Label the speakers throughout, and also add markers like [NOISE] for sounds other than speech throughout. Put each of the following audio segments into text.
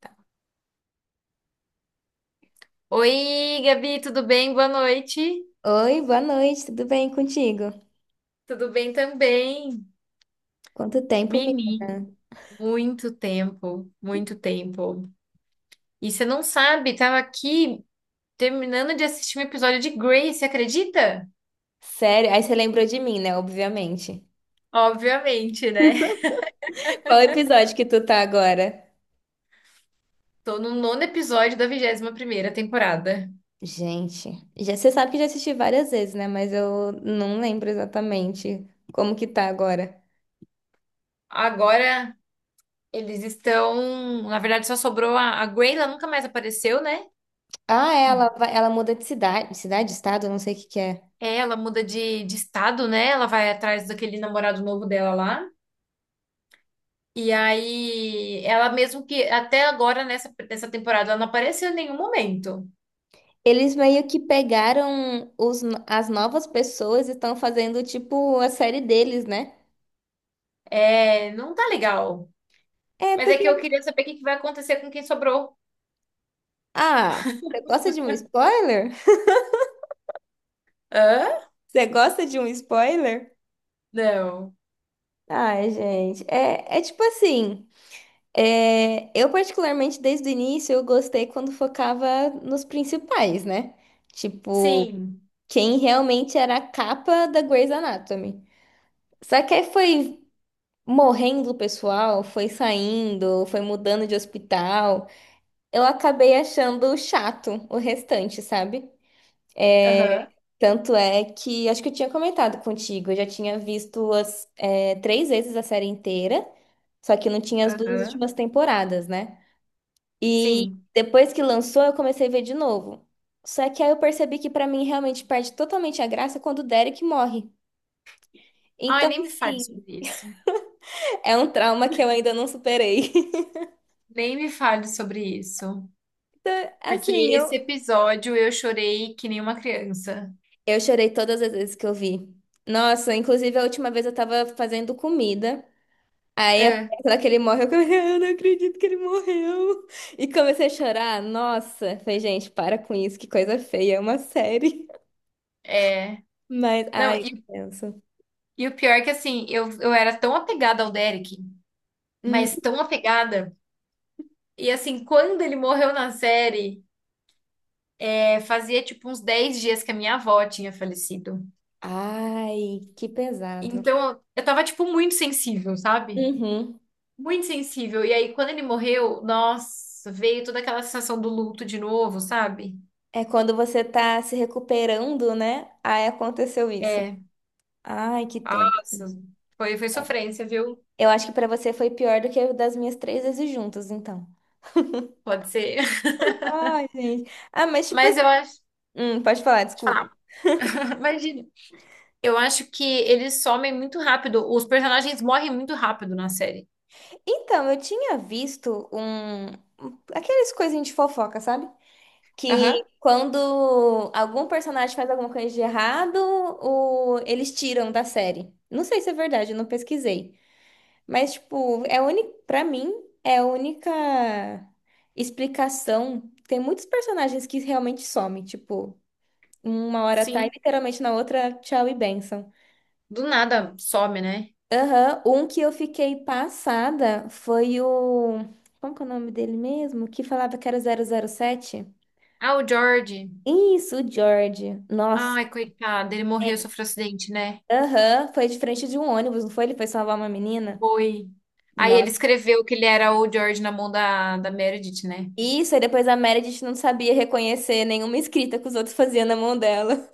Speaker 1: Tá. Oi, Gabi, tudo bem? Boa noite.
Speaker 2: Oi, boa noite, tudo bem contigo?
Speaker 1: Tudo bem também.
Speaker 2: Quanto tempo, me...
Speaker 1: Menino, muito tempo, muito tempo. E você não sabe, tava aqui terminando de assistir um episódio de Grey, você acredita?
Speaker 2: Sério? Aí você lembrou de mim, né? Obviamente.
Speaker 1: Obviamente, né?
Speaker 2: [LAUGHS] Qual episódio que tu tá agora?
Speaker 1: Tô no nono episódio da 21ª temporada.
Speaker 2: Gente, já, você sabe que eu já assisti várias vezes, né? Mas eu não lembro exatamente como que tá agora.
Speaker 1: Agora eles estão, na verdade só sobrou a Grey, ela nunca mais apareceu, né?
Speaker 2: Ah, é, ela, ela muda de cidade, cidade, estado, não sei o que que é.
Speaker 1: É, ela muda de estado, né? Ela vai atrás daquele namorado novo dela lá. E aí, ela mesmo que até agora nessa temporada ela não apareceu em nenhum momento.
Speaker 2: Eles meio que pegaram os, no- as novas pessoas e estão fazendo, tipo, a série deles, né?
Speaker 1: É, não tá legal.
Speaker 2: É,
Speaker 1: Mas é que eu
Speaker 2: porque...
Speaker 1: queria saber o que que vai acontecer com quem sobrou.
Speaker 2: Ah, você gosta de um spoiler? [LAUGHS]
Speaker 1: Hã?
Speaker 2: Você gosta de um spoiler?
Speaker 1: Não.
Speaker 2: Ai, gente, é tipo assim, é, eu particularmente desde o início eu gostei quando focava nos principais, né? Tipo,
Speaker 1: Sim.
Speaker 2: quem realmente era a capa da Grey's Anatomy. Só que aí foi morrendo o pessoal, foi saindo, foi mudando de hospital. Eu acabei achando chato o restante, sabe?
Speaker 1: Aham.
Speaker 2: Tanto é que, acho que eu tinha comentado contigo, eu já tinha visto as, é, três vezes a série inteira. Só que não tinha as duas
Speaker 1: Aham.
Speaker 2: últimas temporadas, né? E
Speaker 1: Sim.
Speaker 2: depois que lançou, eu comecei a ver de novo. Só que aí eu percebi que pra mim realmente perde totalmente a graça quando o Derek morre.
Speaker 1: Ai,
Speaker 2: Então,
Speaker 1: nem me fale
Speaker 2: assim,
Speaker 1: sobre isso.
Speaker 2: [LAUGHS] é um trauma que eu ainda não superei. [LAUGHS]
Speaker 1: Nem me fale sobre isso.
Speaker 2: Então,
Speaker 1: Porque
Speaker 2: assim,
Speaker 1: esse episódio eu chorei que nem uma criança.
Speaker 2: eu chorei todas as vezes que eu vi. Nossa, inclusive a última vez eu tava fazendo comida. Aí, a
Speaker 1: Hã?
Speaker 2: parte lá que ele morre, eu comecei, [LAUGHS] eu não acredito que ele morreu. E comecei a chorar. Nossa, falei, gente, para com isso, que coisa feia, é uma série.
Speaker 1: É.
Speaker 2: Mas,
Speaker 1: Não,
Speaker 2: ai,
Speaker 1: e,
Speaker 2: penso.
Speaker 1: e o pior é que assim, eu era tão apegada ao Derek,
Speaker 2: Hum,
Speaker 1: mas tão apegada. E assim, quando ele morreu na série, fazia tipo uns 10 dias que a minha avó tinha falecido.
Speaker 2: ai, que pesado.
Speaker 1: Então, eu tava tipo muito sensível, sabe?
Speaker 2: Uhum.
Speaker 1: Muito sensível. E aí, quando ele morreu, nossa, veio toda aquela sensação do luto de novo, sabe?
Speaker 2: É quando você tá se recuperando, né? Aí aconteceu isso.
Speaker 1: É,
Speaker 2: Ai, que tem.
Speaker 1: nossa, foi sofrência, viu?
Speaker 2: Eu acho que pra você foi pior do que o das minhas três vezes juntas, então.
Speaker 1: Pode ser.
Speaker 2: Ai, gente. Ah, mas
Speaker 1: [LAUGHS]
Speaker 2: tipo
Speaker 1: Mas
Speaker 2: assim.
Speaker 1: eu acho. Deixa
Speaker 2: Pode
Speaker 1: eu
Speaker 2: falar, desculpa.
Speaker 1: falar. [LAUGHS] Imagina. Eu acho que eles somem muito rápido. Os personagens morrem muito rápido na série.
Speaker 2: Então, eu tinha visto aqueles coisinhas de fofoca, sabe? Que
Speaker 1: Aham.
Speaker 2: quando algum personagem faz alguma coisa de errado, eles tiram da série. Não sei se é verdade, eu não pesquisei. Mas, tipo, é única, pra mim, é a única explicação. Tem muitos personagens que realmente somem, tipo, uma hora tá e
Speaker 1: Sim.
Speaker 2: literalmente na outra, tchau e benção.
Speaker 1: Do nada some, né?
Speaker 2: Aham, um que eu fiquei passada foi o. Como que é o nome dele mesmo? Que falava que era o 007.
Speaker 1: Ah, o George.
Speaker 2: Isso, o George. Nossa.
Speaker 1: Ai, coitado, ele morreu, sofreu acidente, né?
Speaker 2: Aham, foi de frente de um ônibus, não foi? Ele foi salvar uma menina.
Speaker 1: Foi. Aí ele
Speaker 2: Nossa.
Speaker 1: escreveu que ele era o George na mão da Meredith, né?
Speaker 2: Isso, aí depois a Meredith não sabia reconhecer nenhuma escrita que os outros faziam na mão dela.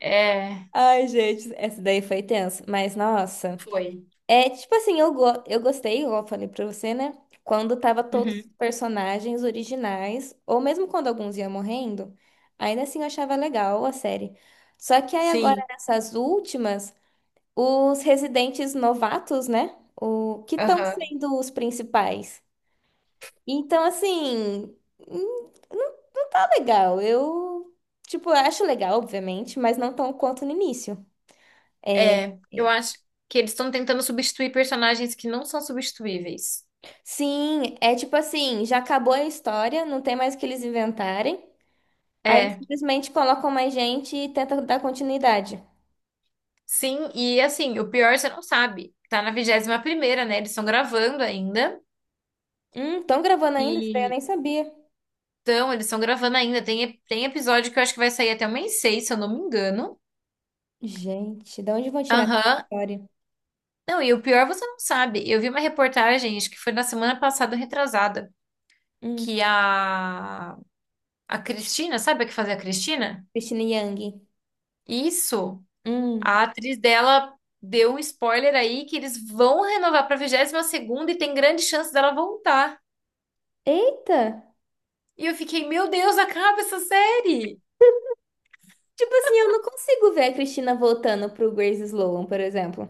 Speaker 1: É,
Speaker 2: [LAUGHS] Ai, gente, essa daí foi tensa. Mas, nossa.
Speaker 1: foi.
Speaker 2: É, tipo assim, eu, go eu gostei, igual eu falei pra você, né? Quando tava todos os
Speaker 1: Uhum.
Speaker 2: personagens originais, ou mesmo quando alguns iam morrendo, ainda assim eu achava legal a série. Só que aí agora,
Speaker 1: Sim.
Speaker 2: nessas últimas, os residentes novatos, né? O que estão
Speaker 1: Aham.
Speaker 2: sendo os principais? Então, assim, não, não tá legal. Eu, tipo, eu acho legal, obviamente, mas não tão quanto no início. É,
Speaker 1: É, eu acho que eles estão tentando substituir personagens que não são substituíveis.
Speaker 2: sim, é tipo assim, já acabou a história, não tem mais o que eles inventarem. Aí eles
Speaker 1: É,
Speaker 2: simplesmente colocam mais gente e tentam dar continuidade.
Speaker 1: sim, e assim, o pior você não sabe. Tá na 21ª, né? Eles estão gravando ainda.
Speaker 2: Estão gravando ainda? Isso daí eu
Speaker 1: E
Speaker 2: nem sabia.
Speaker 1: então, eles estão gravando ainda. Tem episódio que eu acho que vai sair até o mês 6 se eu não me engano.
Speaker 2: Gente, de onde vão tirar essa
Speaker 1: Aham,
Speaker 2: história?
Speaker 1: não, e o pior você não sabe. Eu vi uma reportagem, acho que foi na semana passada, retrasada,
Speaker 2: Hum,
Speaker 1: que a Cristina, sabe a que fazia a Cristina?
Speaker 2: Christina Yang.
Speaker 1: Isso, a
Speaker 2: Hum.
Speaker 1: atriz dela deu um spoiler aí que eles vão renovar pra 22ª e tem grande chance dela voltar.
Speaker 2: Eita!
Speaker 1: E eu fiquei, meu Deus, acaba essa série!
Speaker 2: Tipo assim, eu não consigo ver a Cristina voltando pro Grace Sloan, por exemplo.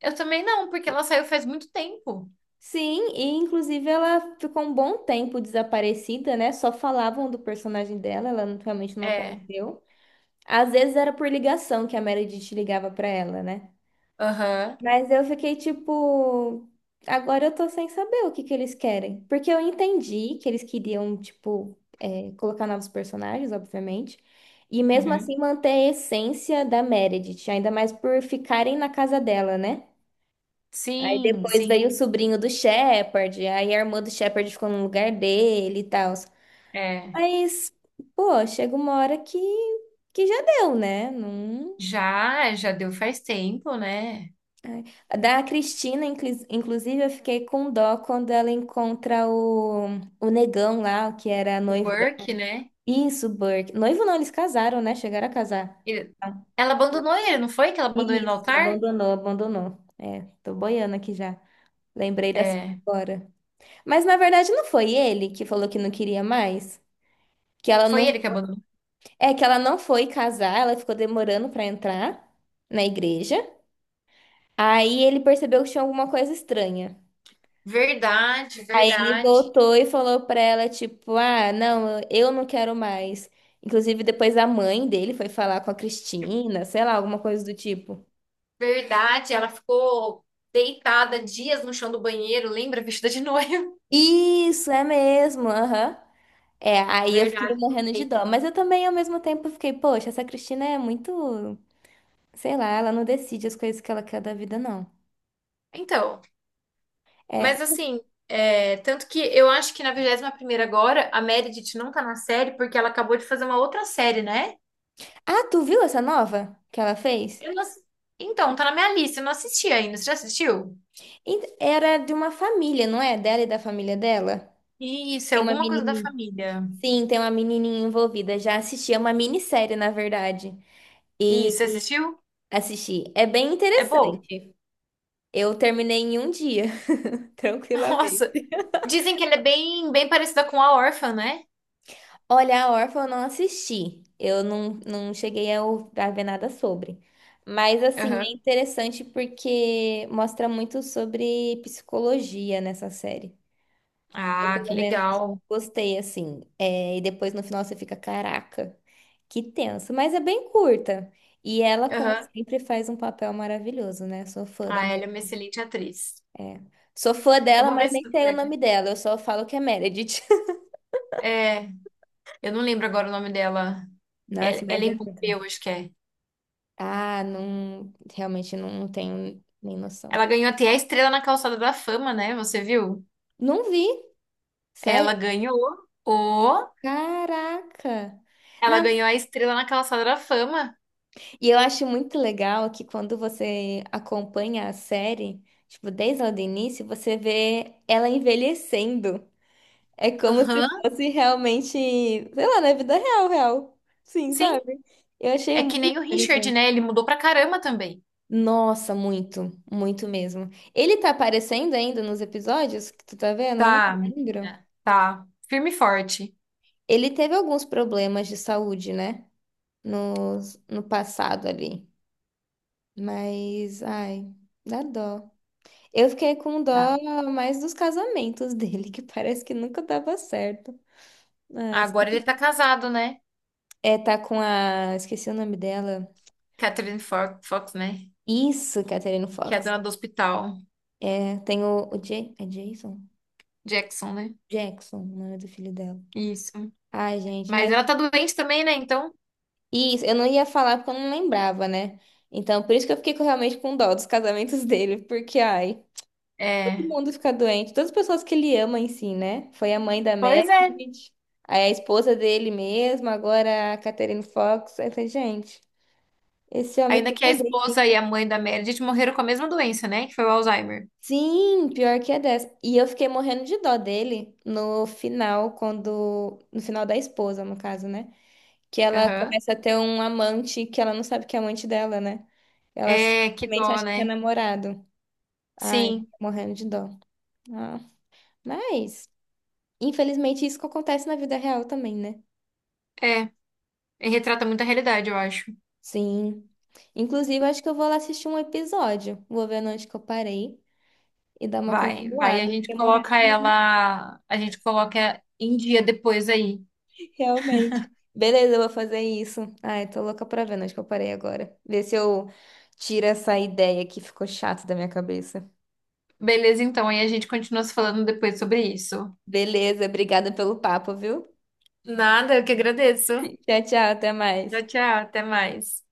Speaker 1: Eu também não, porque ela saiu faz muito tempo.
Speaker 2: Sim, e inclusive ela ficou um bom tempo desaparecida, né? Só falavam do personagem dela, ela não- realmente não
Speaker 1: É,
Speaker 2: apareceu. Às vezes era por ligação que a Meredith ligava pra ela, né?
Speaker 1: aham,
Speaker 2: Mas eu fiquei tipo, agora eu tô sem saber o que que eles querem. Porque eu entendi que eles queriam, tipo, é, colocar novos personagens, obviamente. E mesmo
Speaker 1: uhum.
Speaker 2: assim manter a essência da Meredith, ainda mais por ficarem na casa dela, né? Aí
Speaker 1: Sim,
Speaker 2: depois
Speaker 1: sim,
Speaker 2: veio o sobrinho do Shepard, aí a irmã do Shepard ficou no lugar dele e tal.
Speaker 1: é.
Speaker 2: Mas, pô, chega uma hora que já deu, né? Não...
Speaker 1: Já, já deu faz tempo, né?
Speaker 2: Ai. A Da Cristina, inclusive, eu fiquei com dó quando ela encontra o negão lá, o que era
Speaker 1: O
Speaker 2: noivo dela.
Speaker 1: Burke, né?
Speaker 2: Isso, Burke. Noivo não, eles casaram, né? Chegaram a casar.
Speaker 1: Ele- Ela abandonou ele, não foi que ela abandonou ele no
Speaker 2: Isso,
Speaker 1: altar?
Speaker 2: abandonou. É, tô boiando aqui já. Lembrei dessa
Speaker 1: É,
Speaker 2: agora. Mas na verdade não foi ele que falou que não queria mais? Que ela não,
Speaker 1: foi ele que abandonou.
Speaker 2: é que ela não foi casar, ela ficou demorando pra entrar na igreja. Aí ele percebeu que tinha alguma coisa estranha.
Speaker 1: Verdade,
Speaker 2: Aí ele
Speaker 1: verdade,
Speaker 2: voltou e falou pra ela tipo, ah, não, eu não quero mais. Inclusive depois a mãe dele foi falar com a Cristina, sei lá, alguma coisa do tipo.
Speaker 1: verdade. Ela ficou deitada dias no chão do banheiro, lembra? Vestida de noiva.
Speaker 2: Isso, é mesmo, aham. É,
Speaker 1: [LAUGHS]
Speaker 2: aí eu fiquei
Speaker 1: Verdade.
Speaker 2: morrendo de dó, mas eu também ao mesmo tempo fiquei, poxa, essa Cristina é muito, sei lá, ela não decide as coisas que ela quer da vida, não.
Speaker 1: Então,
Speaker 2: É,
Speaker 1: mas assim, tanto que eu acho que na 21ª agora, a Meredith não tá na série porque ela acabou de fazer uma outra série, né?
Speaker 2: ah, tu viu essa nova que ela fez?
Speaker 1: Eu não ass- Então, tá na minha lista, eu não assisti ainda. Você já assistiu?
Speaker 2: Era de uma família, não é? Dela e da família dela.
Speaker 1: Isso, é
Speaker 2: Tem uma
Speaker 1: alguma coisa da
Speaker 2: menininha.
Speaker 1: família.
Speaker 2: Sim, tem uma menininha envolvida. Já assisti, é uma minissérie, na verdade.
Speaker 1: Isso,
Speaker 2: E
Speaker 1: você assistiu?
Speaker 2: Assisti. É bem
Speaker 1: É bom.
Speaker 2: interessante. Eu terminei em um dia, [LAUGHS]
Speaker 1: [LAUGHS]
Speaker 2: tranquilamente.
Speaker 1: Nossa. Dizem que ela é bem, bem parecida com a Órfã, né?
Speaker 2: Olha, a Órfã eu não assisti. Eu não, não cheguei a, a ver nada sobre. Mas, assim, é
Speaker 1: Aham.
Speaker 2: interessante porque mostra muito sobre psicologia nessa série.
Speaker 1: Ah, que
Speaker 2: Pelo menos
Speaker 1: legal.
Speaker 2: gostei, assim. É, e depois no final você fica, caraca, que tenso. Mas é bem curta. E ela, como
Speaker 1: Aham.
Speaker 2: sempre, faz um papel maravilhoso, né? Sou fã da
Speaker 1: Ah, ela é uma excelente atriz.
Speaker 2: É. Sou fã
Speaker 1: Eu
Speaker 2: dela,
Speaker 1: vou
Speaker 2: mas
Speaker 1: ver se
Speaker 2: nem
Speaker 1: tu
Speaker 2: sei o
Speaker 1: pega.
Speaker 2: nome dela. Eu só falo que é Meredith. [LAUGHS]
Speaker 1: É, eu não lembro agora o nome dela.
Speaker 2: Nossa, mas é
Speaker 1: Ellen
Speaker 2: muito.
Speaker 1: Pompeu, acho que é.
Speaker 2: Ah, não. Realmente não tenho nem noção.
Speaker 1: Ela ganhou até a Estrela na Calçada da Fama, né? Você viu?
Speaker 2: Não vi. Sério?
Speaker 1: Ela ganhou o...
Speaker 2: Caraca!
Speaker 1: Ela
Speaker 2: Não.
Speaker 1: ganhou a Estrela na Calçada da Fama.
Speaker 2: E eu acho muito legal que quando você acompanha a série, tipo, desde lá do início, você vê ela envelhecendo. É como se
Speaker 1: Aham,
Speaker 2: fosse realmente, sei lá, na vida real, real. Sim,
Speaker 1: sim.
Speaker 2: sabe? Eu achei
Speaker 1: É que
Speaker 2: muito
Speaker 1: nem o Richard,
Speaker 2: interessante.
Speaker 1: né? Ele mudou pra caramba também.
Speaker 2: Nossa, muito, muito mesmo. Ele tá aparecendo ainda nos episódios que tu tá vendo? Eu não
Speaker 1: Tá,
Speaker 2: lembro.
Speaker 1: menina. Tá. Firme e forte.
Speaker 2: Ele teve alguns problemas de saúde, né? No, no passado ali. Mas, ai, dá dó. Eu fiquei com
Speaker 1: Tá.
Speaker 2: dó mais dos casamentos [LAUGHS] dele, que parece que nunca dava certo. Mas,
Speaker 1: Agora ele tá casado, né?
Speaker 2: é, tá com a. Esqueci o nome dela.
Speaker 1: Catherine Fox, né?
Speaker 2: Isso, Catherine
Speaker 1: Que é a
Speaker 2: Fox.
Speaker 1: dona do hospital.
Speaker 2: É, tem o é Jason?
Speaker 1: Jackson, né?
Speaker 2: Jackson, o nome do filho dela.
Speaker 1: Isso.
Speaker 2: Ai, gente,
Speaker 1: Mas
Speaker 2: mas.
Speaker 1: ela tá doente também, né? Então,
Speaker 2: Isso, eu não ia falar porque eu não lembrava, né? Então, por isso que eu fiquei realmente com dó dos casamentos [LAUGHS] dele, porque, ai. Todo
Speaker 1: é.
Speaker 2: mundo fica doente, todas as pessoas que ele ama em si, né? Foi a mãe da
Speaker 1: Pois é.
Speaker 2: Meredith, aí a esposa dele mesmo, agora a Catherine Fox. Aí eu falei, gente, esse homem
Speaker 1: Ainda
Speaker 2: tem
Speaker 1: que a
Speaker 2: um
Speaker 1: esposa e
Speaker 2: dele.
Speaker 1: a mãe da Meredith morreram com a mesma doença, né? Que foi o Alzheimer.
Speaker 2: Sim, pior que é dessa. E eu fiquei morrendo de dó dele no final, quando. No final da esposa, no caso, né? Que ela
Speaker 1: Aham.
Speaker 2: começa a ter um amante que ela não sabe que é amante dela, né? Ela
Speaker 1: É, que
Speaker 2: simplesmente
Speaker 1: dó,
Speaker 2: acha que é
Speaker 1: né?
Speaker 2: namorado. Ai,
Speaker 1: Sim,
Speaker 2: morrendo de dó. Ah, mas, infelizmente, isso que acontece na vida real também, né?
Speaker 1: é. E retrata muita realidade, eu acho.
Speaker 2: Sim. Inclusive, acho que eu vou lá assistir um episódio. Vou ver onde que eu parei e dar uma
Speaker 1: Vai, vai, a
Speaker 2: continuada.
Speaker 1: gente
Speaker 2: Fiquei morrendo
Speaker 1: coloca
Speaker 2: de rir,
Speaker 1: ela, a gente coloca em dia depois aí.
Speaker 2: realmente. Beleza, eu vou fazer isso. Ai, tô louca pra ver onde que eu parei agora. Ver se eu tiro essa ideia que ficou chata da minha cabeça.
Speaker 1: Beleza, então, aí a gente continua se falando depois sobre isso.
Speaker 2: Beleza, obrigada pelo papo, viu?
Speaker 1: Nada, eu que agradeço.
Speaker 2: Tchau, tchau, até mais.
Speaker 1: Tchau, tchau, até mais.